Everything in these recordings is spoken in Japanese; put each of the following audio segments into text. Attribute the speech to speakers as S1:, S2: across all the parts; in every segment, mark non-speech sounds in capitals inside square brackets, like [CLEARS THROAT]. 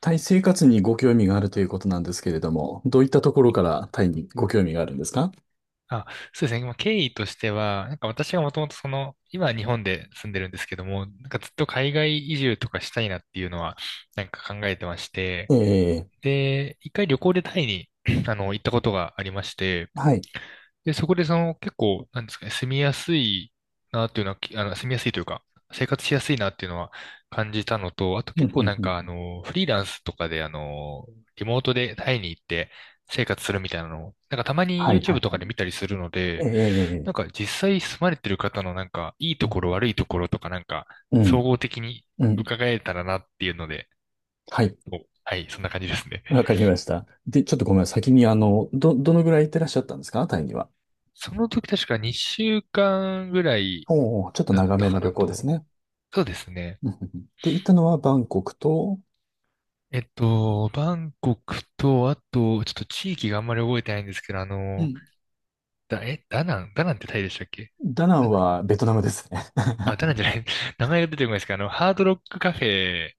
S1: タイ生活にご興味があるということなんですけれども、どういったところからタイにご興味があるんですか？
S2: あ、そうですね。まあ、経緯としては、私がもともと今は日本で住んでるんですけども、ずっと海外移住とかしたいなっていうのは、考えてまして、
S1: ええ、
S2: で、一回旅行でタイに [CLEARS THROAT] 行ったことがありまして、
S1: はい。
S2: で、そこで結構、なんですかね、住みやすいなっていうのは、きあの、住みやすいというか、生活しやすいなっていうのは感じたのと、あと
S1: う
S2: 結
S1: ん
S2: 構
S1: うん
S2: なん
S1: う
S2: かあ
S1: ん。
S2: の、フリーランスとかで、リモートでタイに行って生活するみたいなのを、たまに
S1: はい、は
S2: YouTube
S1: い、
S2: と
S1: は
S2: か
S1: い。
S2: で見たりするの
S1: え
S2: で、
S1: え、
S2: 実際住まれてる方のいいと
S1: う
S2: ころ悪いところとか総
S1: ん、
S2: 合的に
S1: うん。
S2: 伺えたらなっていうので、
S1: はい。
S2: はい、そんな感じですね。
S1: わかりました。で、ちょっとごめん先に、あの、どのぐらい行ってらっしゃったんですかタイには。
S2: その時確か2週間ぐらい
S1: おお、ちょっと
S2: だっ
S1: 長
S2: た
S1: め
S2: か
S1: の
S2: な
S1: 旅行です
S2: と。
S1: ね。
S2: そうですね。
S1: うんうんうん。で、行ったのはバンコクと、
S2: えっと、バンコクと、あと、ちょっと地域があんまり覚えてないんですけど、
S1: うん。
S2: ダナン、ダナンってタイでしたっけ？
S1: ダナ
S2: ダ
S1: ン
S2: ナン、
S1: はベトナムですね。
S2: あ、ダナン
S1: [LAUGHS]
S2: じゃない、[LAUGHS] 名前が出てこないですけど、あの、ハードロックカフェ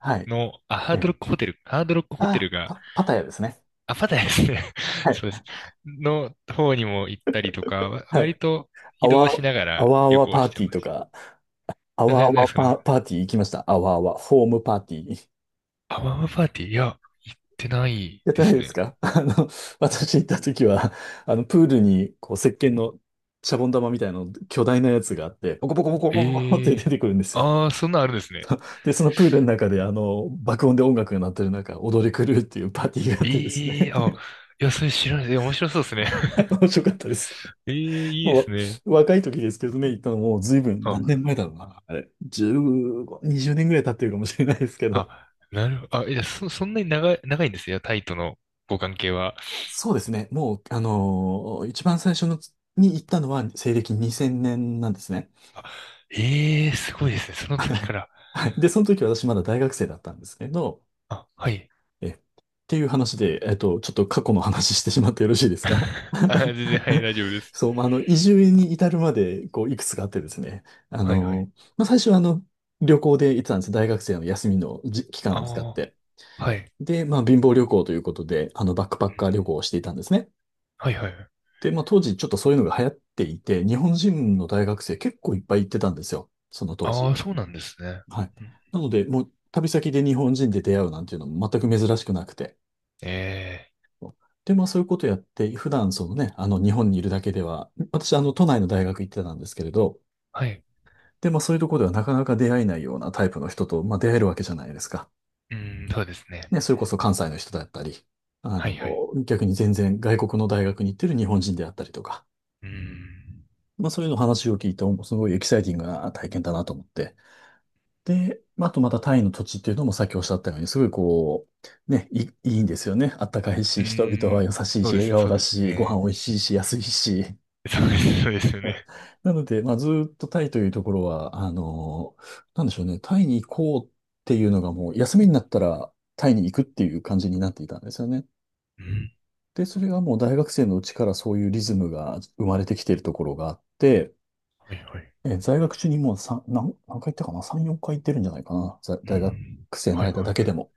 S1: はい。
S2: の、あ、
S1: [LAUGHS]
S2: ハー
S1: え
S2: ドロ
S1: え、
S2: ックホテル、ハードロックホテルが、
S1: パタヤですね。
S2: あ、パタヤですね。[LAUGHS]
S1: は
S2: そ
S1: い。
S2: うです。の方にも行ったりとか、
S1: は
S2: 割
S1: い、
S2: と
S1: あ
S2: 移
S1: わ、
S2: 動しなが
S1: あ
S2: ら
S1: わあ
S2: 旅
S1: わ
S2: 行
S1: パー
S2: して
S1: ティー
S2: ま
S1: と
S2: す。
S1: か、あわ
S2: な
S1: あ
S2: んで
S1: わ
S2: すかね。
S1: パーティー行きました。あわあわ、ホームパーティー。
S2: アワマパーティー、いや、行ってない
S1: やっ
S2: で
S1: てない
S2: す
S1: です
S2: ね。
S1: か？ [LAUGHS] あの、私行った時は、あの、プールに、こう、石鹸のシャボン玉みたいなの、巨大なやつがあって、ポコポコポコポコポコって
S2: え
S1: 出
S2: え
S1: て
S2: ー、
S1: くるんですよ。
S2: ああー、そんなんあるんですね。
S1: [LAUGHS] で、そのプールの中で、あの、爆音で音楽が鳴ってる中、踊り狂うっていうパーティーがあってです
S2: ええ
S1: ね。
S2: ー、あ、
S1: [LAUGHS]
S2: いや、それ知らない。え、面白そうですね。[LAUGHS]
S1: はい、面白かったです。
S2: ええー、いいで
S1: も
S2: すね。
S1: う、若い時ですけどね、行ったのもう随分、何
S2: あ、
S1: 年前だろうな。あれ、15、20年ぐらい経ってるかもしれないですけど。
S2: あ、なるほど。あ、いや、そんなに長い、長いんですよ、タイとのご関係は。
S1: そうですね。もう、一番最初のに行ったのは西暦2000年なんですね。
S2: あ、ええー、すごいですね。その時から。
S1: はい。で、その時私まだ大学生だったんですけど、
S2: あ、はい。
S1: っていう話で、ちょっと過去の話してしまってよろしいですか？
S2: [LAUGHS] あ、全
S1: [LAUGHS]
S2: 然、はい、大丈夫です。
S1: そう、まあ、あの、移住に至るまで、こう、いくつかあってですね。
S2: はい、はい。
S1: まあ、最初はあの、旅行で行ってたんです。大学生の休みの期間を使っ
S2: あ
S1: て。
S2: あ、はい。
S1: で、まあ、貧乏旅行ということで、あの、バックパ
S2: う
S1: ッ
S2: ん、
S1: カー旅行をしていたんですね。
S2: はい、はい。はい。
S1: で、まあ当時ちょっとそういうのが流行っていて、日本人の大学生結構いっぱい行ってたんですよ、その当
S2: あ
S1: 時。
S2: あ、そうなんですね。
S1: はい。
S2: うん。
S1: なので、もう旅先で日本人で出会うなんていうのも全く珍しくなくて。
S2: ええ、
S1: で、まあそういうことやって、普段そのね、あの日本にいるだけでは、私あの都内の大学行ってたんですけれど、
S2: はい。
S1: で、まあそういうところではなかなか出会えないようなタイプの人と、まあ出会えるわけじゃないですか。
S2: うん、そうですね。
S1: ね、それこそ関西の人だったり、あ
S2: はい、
S1: の、
S2: はい。
S1: 逆に全然外国の大学に行ってる日本人であったりとか。
S2: うん。
S1: まあそういうの話を聞いて、すごいエキサイティングな体験だなと思って。で、まああとまたタイの土地っていうのもさっきおっしゃったように、すごいこう、ね、いいんですよね。あったかい
S2: う
S1: し、[LAUGHS]
S2: ー
S1: 人々は
S2: ん。
S1: 優しい
S2: そう
S1: し、
S2: で
S1: 笑
S2: す、
S1: 顔
S2: そう
S1: だ
S2: です
S1: し、ご
S2: ね。
S1: 飯美味しいし、安いし。
S2: そうです、そうです
S1: [LAUGHS]
S2: よ
S1: あ
S2: ね。
S1: なので、まあずーっとタイというところは、なんでしょうね、タイに行こうっていうのがもう、休みになったらタイに行くっていう感じになっていたんですよね。
S2: うん。
S1: で、それがもう大学生のうちからそういうリズムが生まれてきているところがあって、
S2: はいはい。
S1: 在学中にもう3、何回行ったかな？ 3、4回行ってるんじゃないかな。
S2: う
S1: 大学
S2: ん。
S1: 生の
S2: はい
S1: 間
S2: は
S1: だけで
S2: い。
S1: も。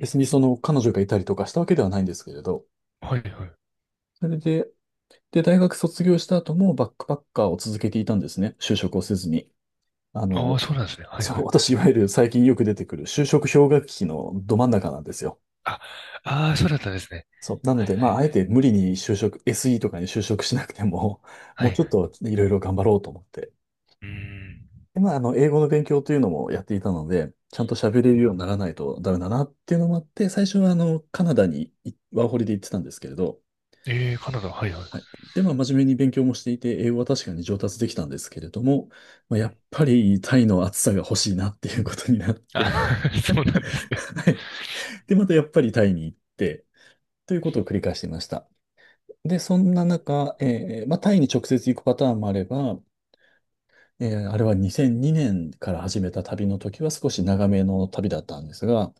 S1: 別にその彼女がいたりとかしたわけではないんですけれど、
S2: はいはい。
S1: それで、大学卒業した後もバックパッカーを続けていたんですね。就職をせずに。あ
S2: あ
S1: の、
S2: あ、そうなんですね。はい
S1: そ
S2: は
S1: う、
S2: い。
S1: 私、いわゆる最近よく出てくる就職氷河期のど真ん中なんですよ。
S2: あ、ああ、そうだったんですね。
S1: そう。なの
S2: はい
S1: で、
S2: は
S1: ま
S2: い
S1: あ、あ
S2: は
S1: え
S2: い。
S1: て無理に就職、SE とかに就職しなくても、[LAUGHS]
S2: は
S1: も
S2: い
S1: う
S2: は
S1: ちょっ
S2: い。
S1: といろいろ頑張ろうと思って。
S2: うん。
S1: で、まあ、あの、英語の勉強というのもやっていたので、ちゃんと喋れるようにならないとダメだなっていうのもあって、最初はあの、カナダにワーホリで行ってたんですけれど、
S2: ええ、カナダ、はいはい。
S1: はい。で、まあ、真面目に勉強もしていて、英語は確かに上達できたんですけれども、まあ、やっぱりタイの暑さが欲しいなっていうことになって、
S2: あ、[LAUGHS] そうなんですね。
S1: はい。で、またやっぱりタイに行って、ということを繰り返していました。で、そんな中、まあ、タイに直接行くパターンもあれば、あれは2002年から始めた旅の時は少し長めの旅だったんですが、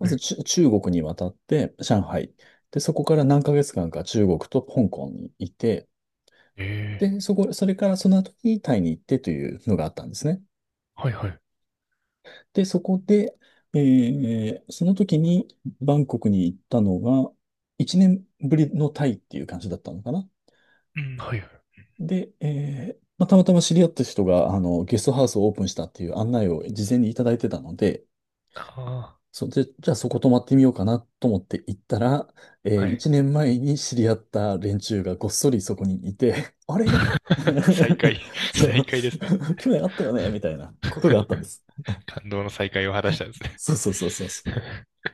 S1: ま
S2: は
S1: ず
S2: い。
S1: 中国に渡って、上海。で、そこから何ヶ月間か中国と香港にいて、
S2: ええ、
S1: で、それからその後にタイに行ってというのがあったんですね。
S2: はいはい。
S1: で、そこで、その時にバンコクに行ったのが、1年ぶりのタイっていう感じだったのかな。
S2: うん、はいはい。
S1: で、まあ、たまたま知り合った人が、あの、ゲストハウスをオープンしたっていう案内を事前にいただいてたので、
S2: あ
S1: それで、じゃあそこ泊まってみようかなと思って行ったら、
S2: あ、はい。
S1: 1年前に知り合った連中がごっそりそこにいて、[LAUGHS] あれ？
S2: [LAUGHS] 再会、
S1: [LAUGHS] そ
S2: 再
S1: う、
S2: 会ですね。
S1: [LAUGHS] 去年あったよねみたいなことがあったんです。
S2: 感動の再会を果たしたんですね。
S1: そうそうそうそうそう。
S2: [LAUGHS]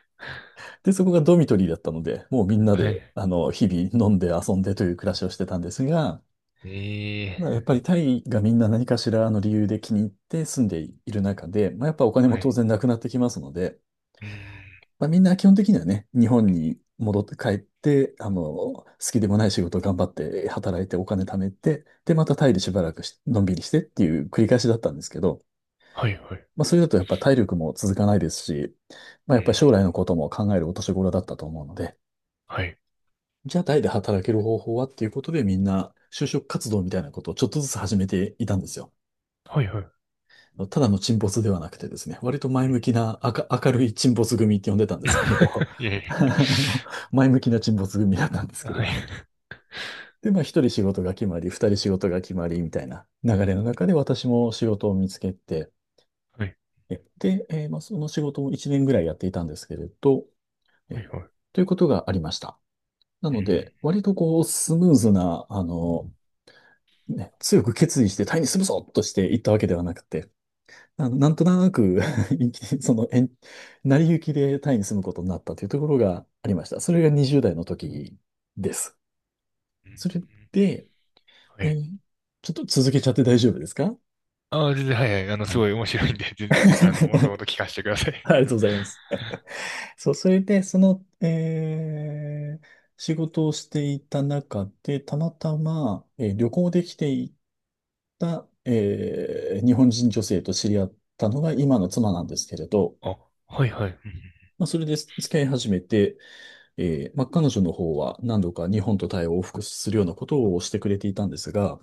S1: で、そこがドミトリーだったので、もうみんな
S2: は
S1: で、
S2: い。
S1: あの、日々飲んで遊んでという暮らしをしてたんですが、
S2: ええ、
S1: まあ、やっぱりタイがみんな何かしらの理由で気に入って住んでいる中で、まあ、やっぱお金も
S2: は
S1: 当
S2: い。
S1: 然なくなってきますので、
S2: うん。
S1: まあ、みんな基本的にはね、日本に戻って帰って、あの、好きでもない仕事を頑張って働いてお金貯めて、で、またタイでしばらくしのんびりしてっていう繰り返しだったんですけど、
S2: はいはい。
S1: まあ、それだとやっぱ体力も続かないですし、まあ、
S2: う
S1: やっぱり
S2: ん。
S1: 将来のことも考えるお年頃だったと思うので、
S2: はい。
S1: じゃあタイで働ける方法はっていうことでみんな就職活動みたいなことをちょっとずつ始めていたんですよ。
S2: はいはい。
S1: ただの沈没ではなくてですね、割と前
S2: う
S1: 向
S2: ん。
S1: きな、明るい沈没組って呼んでたんですけど、
S2: [LAUGHS] いやい
S1: [LAUGHS] あの前向きな沈没組だったんです
S2: や。
S1: けれ
S2: はい
S1: ど。で、まあ一人仕事が決まり、二人仕事が決まりみたいな流れの中で私も仕事を見つけて、
S2: はい。
S1: で、まあ、その仕事を一年ぐらいやっていたんですけれど、
S2: は
S1: え
S2: いはい。
S1: ということがありました。な
S2: う
S1: の
S2: ん。
S1: で、割とこう、スムーズな、あの、ね、強く決意してタイにするぞとしていったわけではなくて、あの、なんとなく [LAUGHS] 延期その、延成り行きでタイに住むことになったというところがありました。それが20代の時です。
S2: うん、
S1: それで、
S2: は
S1: え
S2: い。
S1: ーちょっと続けちゃって大丈夫ですか？
S2: ああ、全然、はいはい。あの、す
S1: はい。
S2: ごい面白いんで、全然、あの、もともと
S1: [LAUGHS]
S2: 聞かせてください。
S1: ありがとうございます。そう、それで、その、えー仕事をしていた中で、たまたま、旅行で来ていた、日本人女性と知り合ったのが今の妻なんですけれど、
S2: [LAUGHS] あ、はいはい。うん、
S1: まあ、それで付き合い始めて、まあ、彼女の方は何度か日本とタイを往復するようなことをしてくれていたんですが、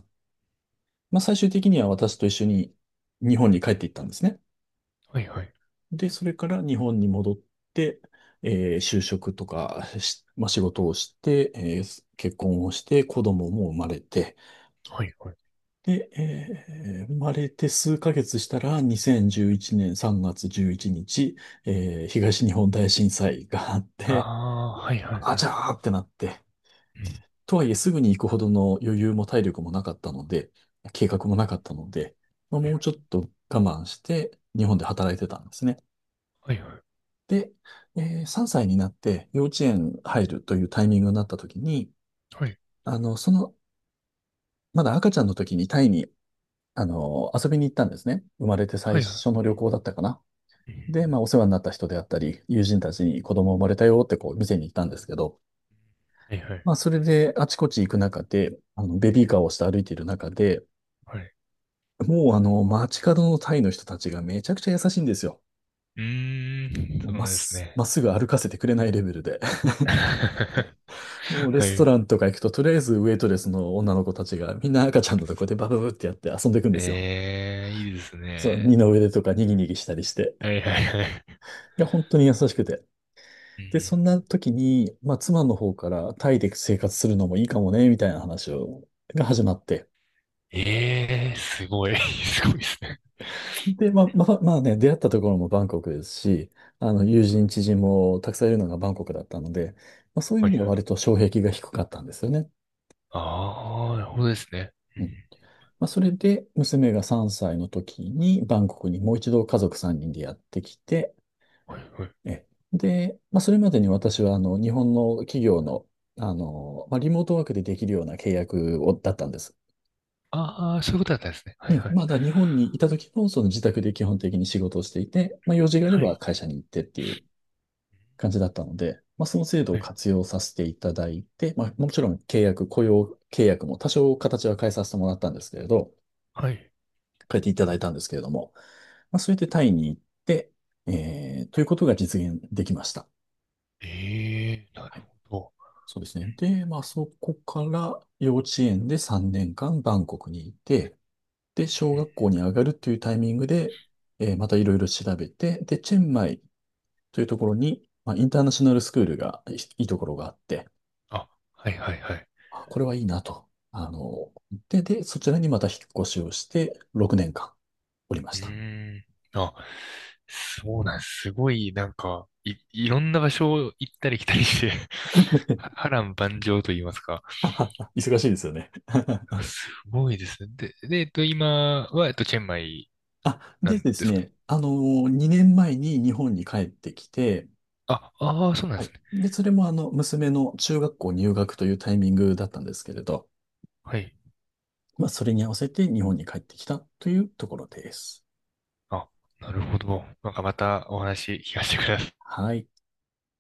S1: まあ、最終的には私と一緒に日本に帰っていったんですね。
S2: はいはい。
S1: で、それから日本に戻って、就職とかし、まあ、仕事をして、結婚をして、子供も生まれて、
S2: はいはい。
S1: で、生まれて数ヶ月したら、2011年3月11日、東日本大震災があって、
S2: ああ、はいはい
S1: あ
S2: は
S1: ちゃ
S2: い。
S1: ーってなって、
S2: うん、
S1: とはいえ、すぐに行くほどの余裕も体力もなかったので、計画もなかったので、まあ、
S2: はい
S1: もう
S2: はい。
S1: ちょっと我慢して、日本で働いてたんですね。
S2: はいはい。
S1: で、3歳になって幼稚園入るというタイミングになった時に、
S2: はい、
S1: あの、その、まだ赤ちゃんの時にタイに、遊びに行ったんですね。生まれて最初の旅行だったかな。
S2: う
S1: で、ま
S2: ん、
S1: あ、お世話になった人であったり、友人たちに子供生まれたよってこう、店に行ったんですけど、
S2: はい。はいはいはい、
S1: まあ、それであちこち行く中で、ベビーカーをして歩いている中で、
S2: ああ、はいはいはい、
S1: もうあの、街角のタイの人たちがめちゃくちゃ優しいんですよ。
S2: うん、はいはいはいはいはいはいはいはいはい、うーん、
S1: も
S2: そ
S1: う
S2: う
S1: まっ
S2: なんです
S1: す、
S2: ね。
S1: まっすぐ歩かせてくれないレベルで。
S2: [LAUGHS]
S1: [LAUGHS] もうレ
S2: は
S1: スト
S2: い。
S1: ランとか行くと、とりあえずウェイトレスの女の子たちがみんな赤ちゃんのとこでバブブってやって遊んでいくんですよ。
S2: ええ、いいです
S1: そう、二
S2: ね。
S1: の腕とかにぎにぎしたりして。
S2: はいはいはい。
S1: いや、本当に優しくて。
S2: うん。
S1: で、そんな時に、まあ、妻の方からタイで生活するのもいいかもね、みたいな話が始まって。
S2: ええー、すごい。[LAUGHS] すごいですね。
S1: で、まあね、出会ったところもバンコクですし、友人、知人もたくさんいるのがバンコクだったので、まあ、そういう
S2: は
S1: 意味で
S2: い
S1: は
S2: はい。
S1: 割と障壁が低かったんですよね。
S2: ああ、なるほどですね。う
S1: うん。
S2: ん、
S1: まあ、それで、娘が3歳の時にバンコクにもう一度家族3人でやってきて、
S2: はいはい。
S1: え、で、まあ、それまでに私は、日本の企業の、まあ、リモートワークでできるような契約を、だったんです。
S2: ああ、そういうことだったんですね。は
S1: う
S2: い
S1: ん。
S2: はい。
S1: まだ日本にいた時も、その自宅で基本的に仕事をしていて、まあ、用事があれ
S2: は
S1: ば
S2: い。
S1: 会社に行ってっていう感じだったので、まあ、その制度
S2: は
S1: を
S2: い。
S1: 活用させていただいて、まあ、もちろん契約、雇用契約も多少形は変えさせてもらったんですけれど、
S2: はい。
S1: 変えていただいたんですけれども、まあ、それでタイに行って、ということが実現できました。
S2: ええー、な
S1: は
S2: る
S1: い。
S2: ほど。
S1: そうですね。で、まあ、そこから幼稚園で3年間バンコクにいて、で、
S2: う
S1: 小
S2: ん、
S1: 学校に上がるというタイミングで、またいろいろ調べて、で、チェンマイというところに、まあ、インターナショナルスクールがいいところがあって、
S2: あ、はいはいはい。
S1: あ、これはいいなと。あの、で、で、そちらにまた引っ越しをして、6年間おりま
S2: う
S1: した。
S2: ーん。あ、そうなんです。すごい、なんか、いろんな場所を行ったり来たりして [LAUGHS] 波乱万丈と言いますか。
S1: [LAUGHS] 忙しいですよね。
S2: あ、
S1: [LAUGHS]
S2: すごいですね。で、で、えっと、今は、えっと、チェンマイ
S1: あ、
S2: な
S1: で
S2: ん
S1: で
S2: で
S1: す
S2: すか？
S1: ね、あの、2年前に日本に帰ってきて、
S2: あ、ああ、そうなん
S1: は
S2: で
S1: い。
S2: すね。
S1: で、それも娘の中学校入学というタイミングだったんですけれど、
S2: はい。
S1: まあ、それに合わせて日本に帰ってきたというところです。
S2: あ、なるほど。なんかまたお話聞かせてください。
S1: はい。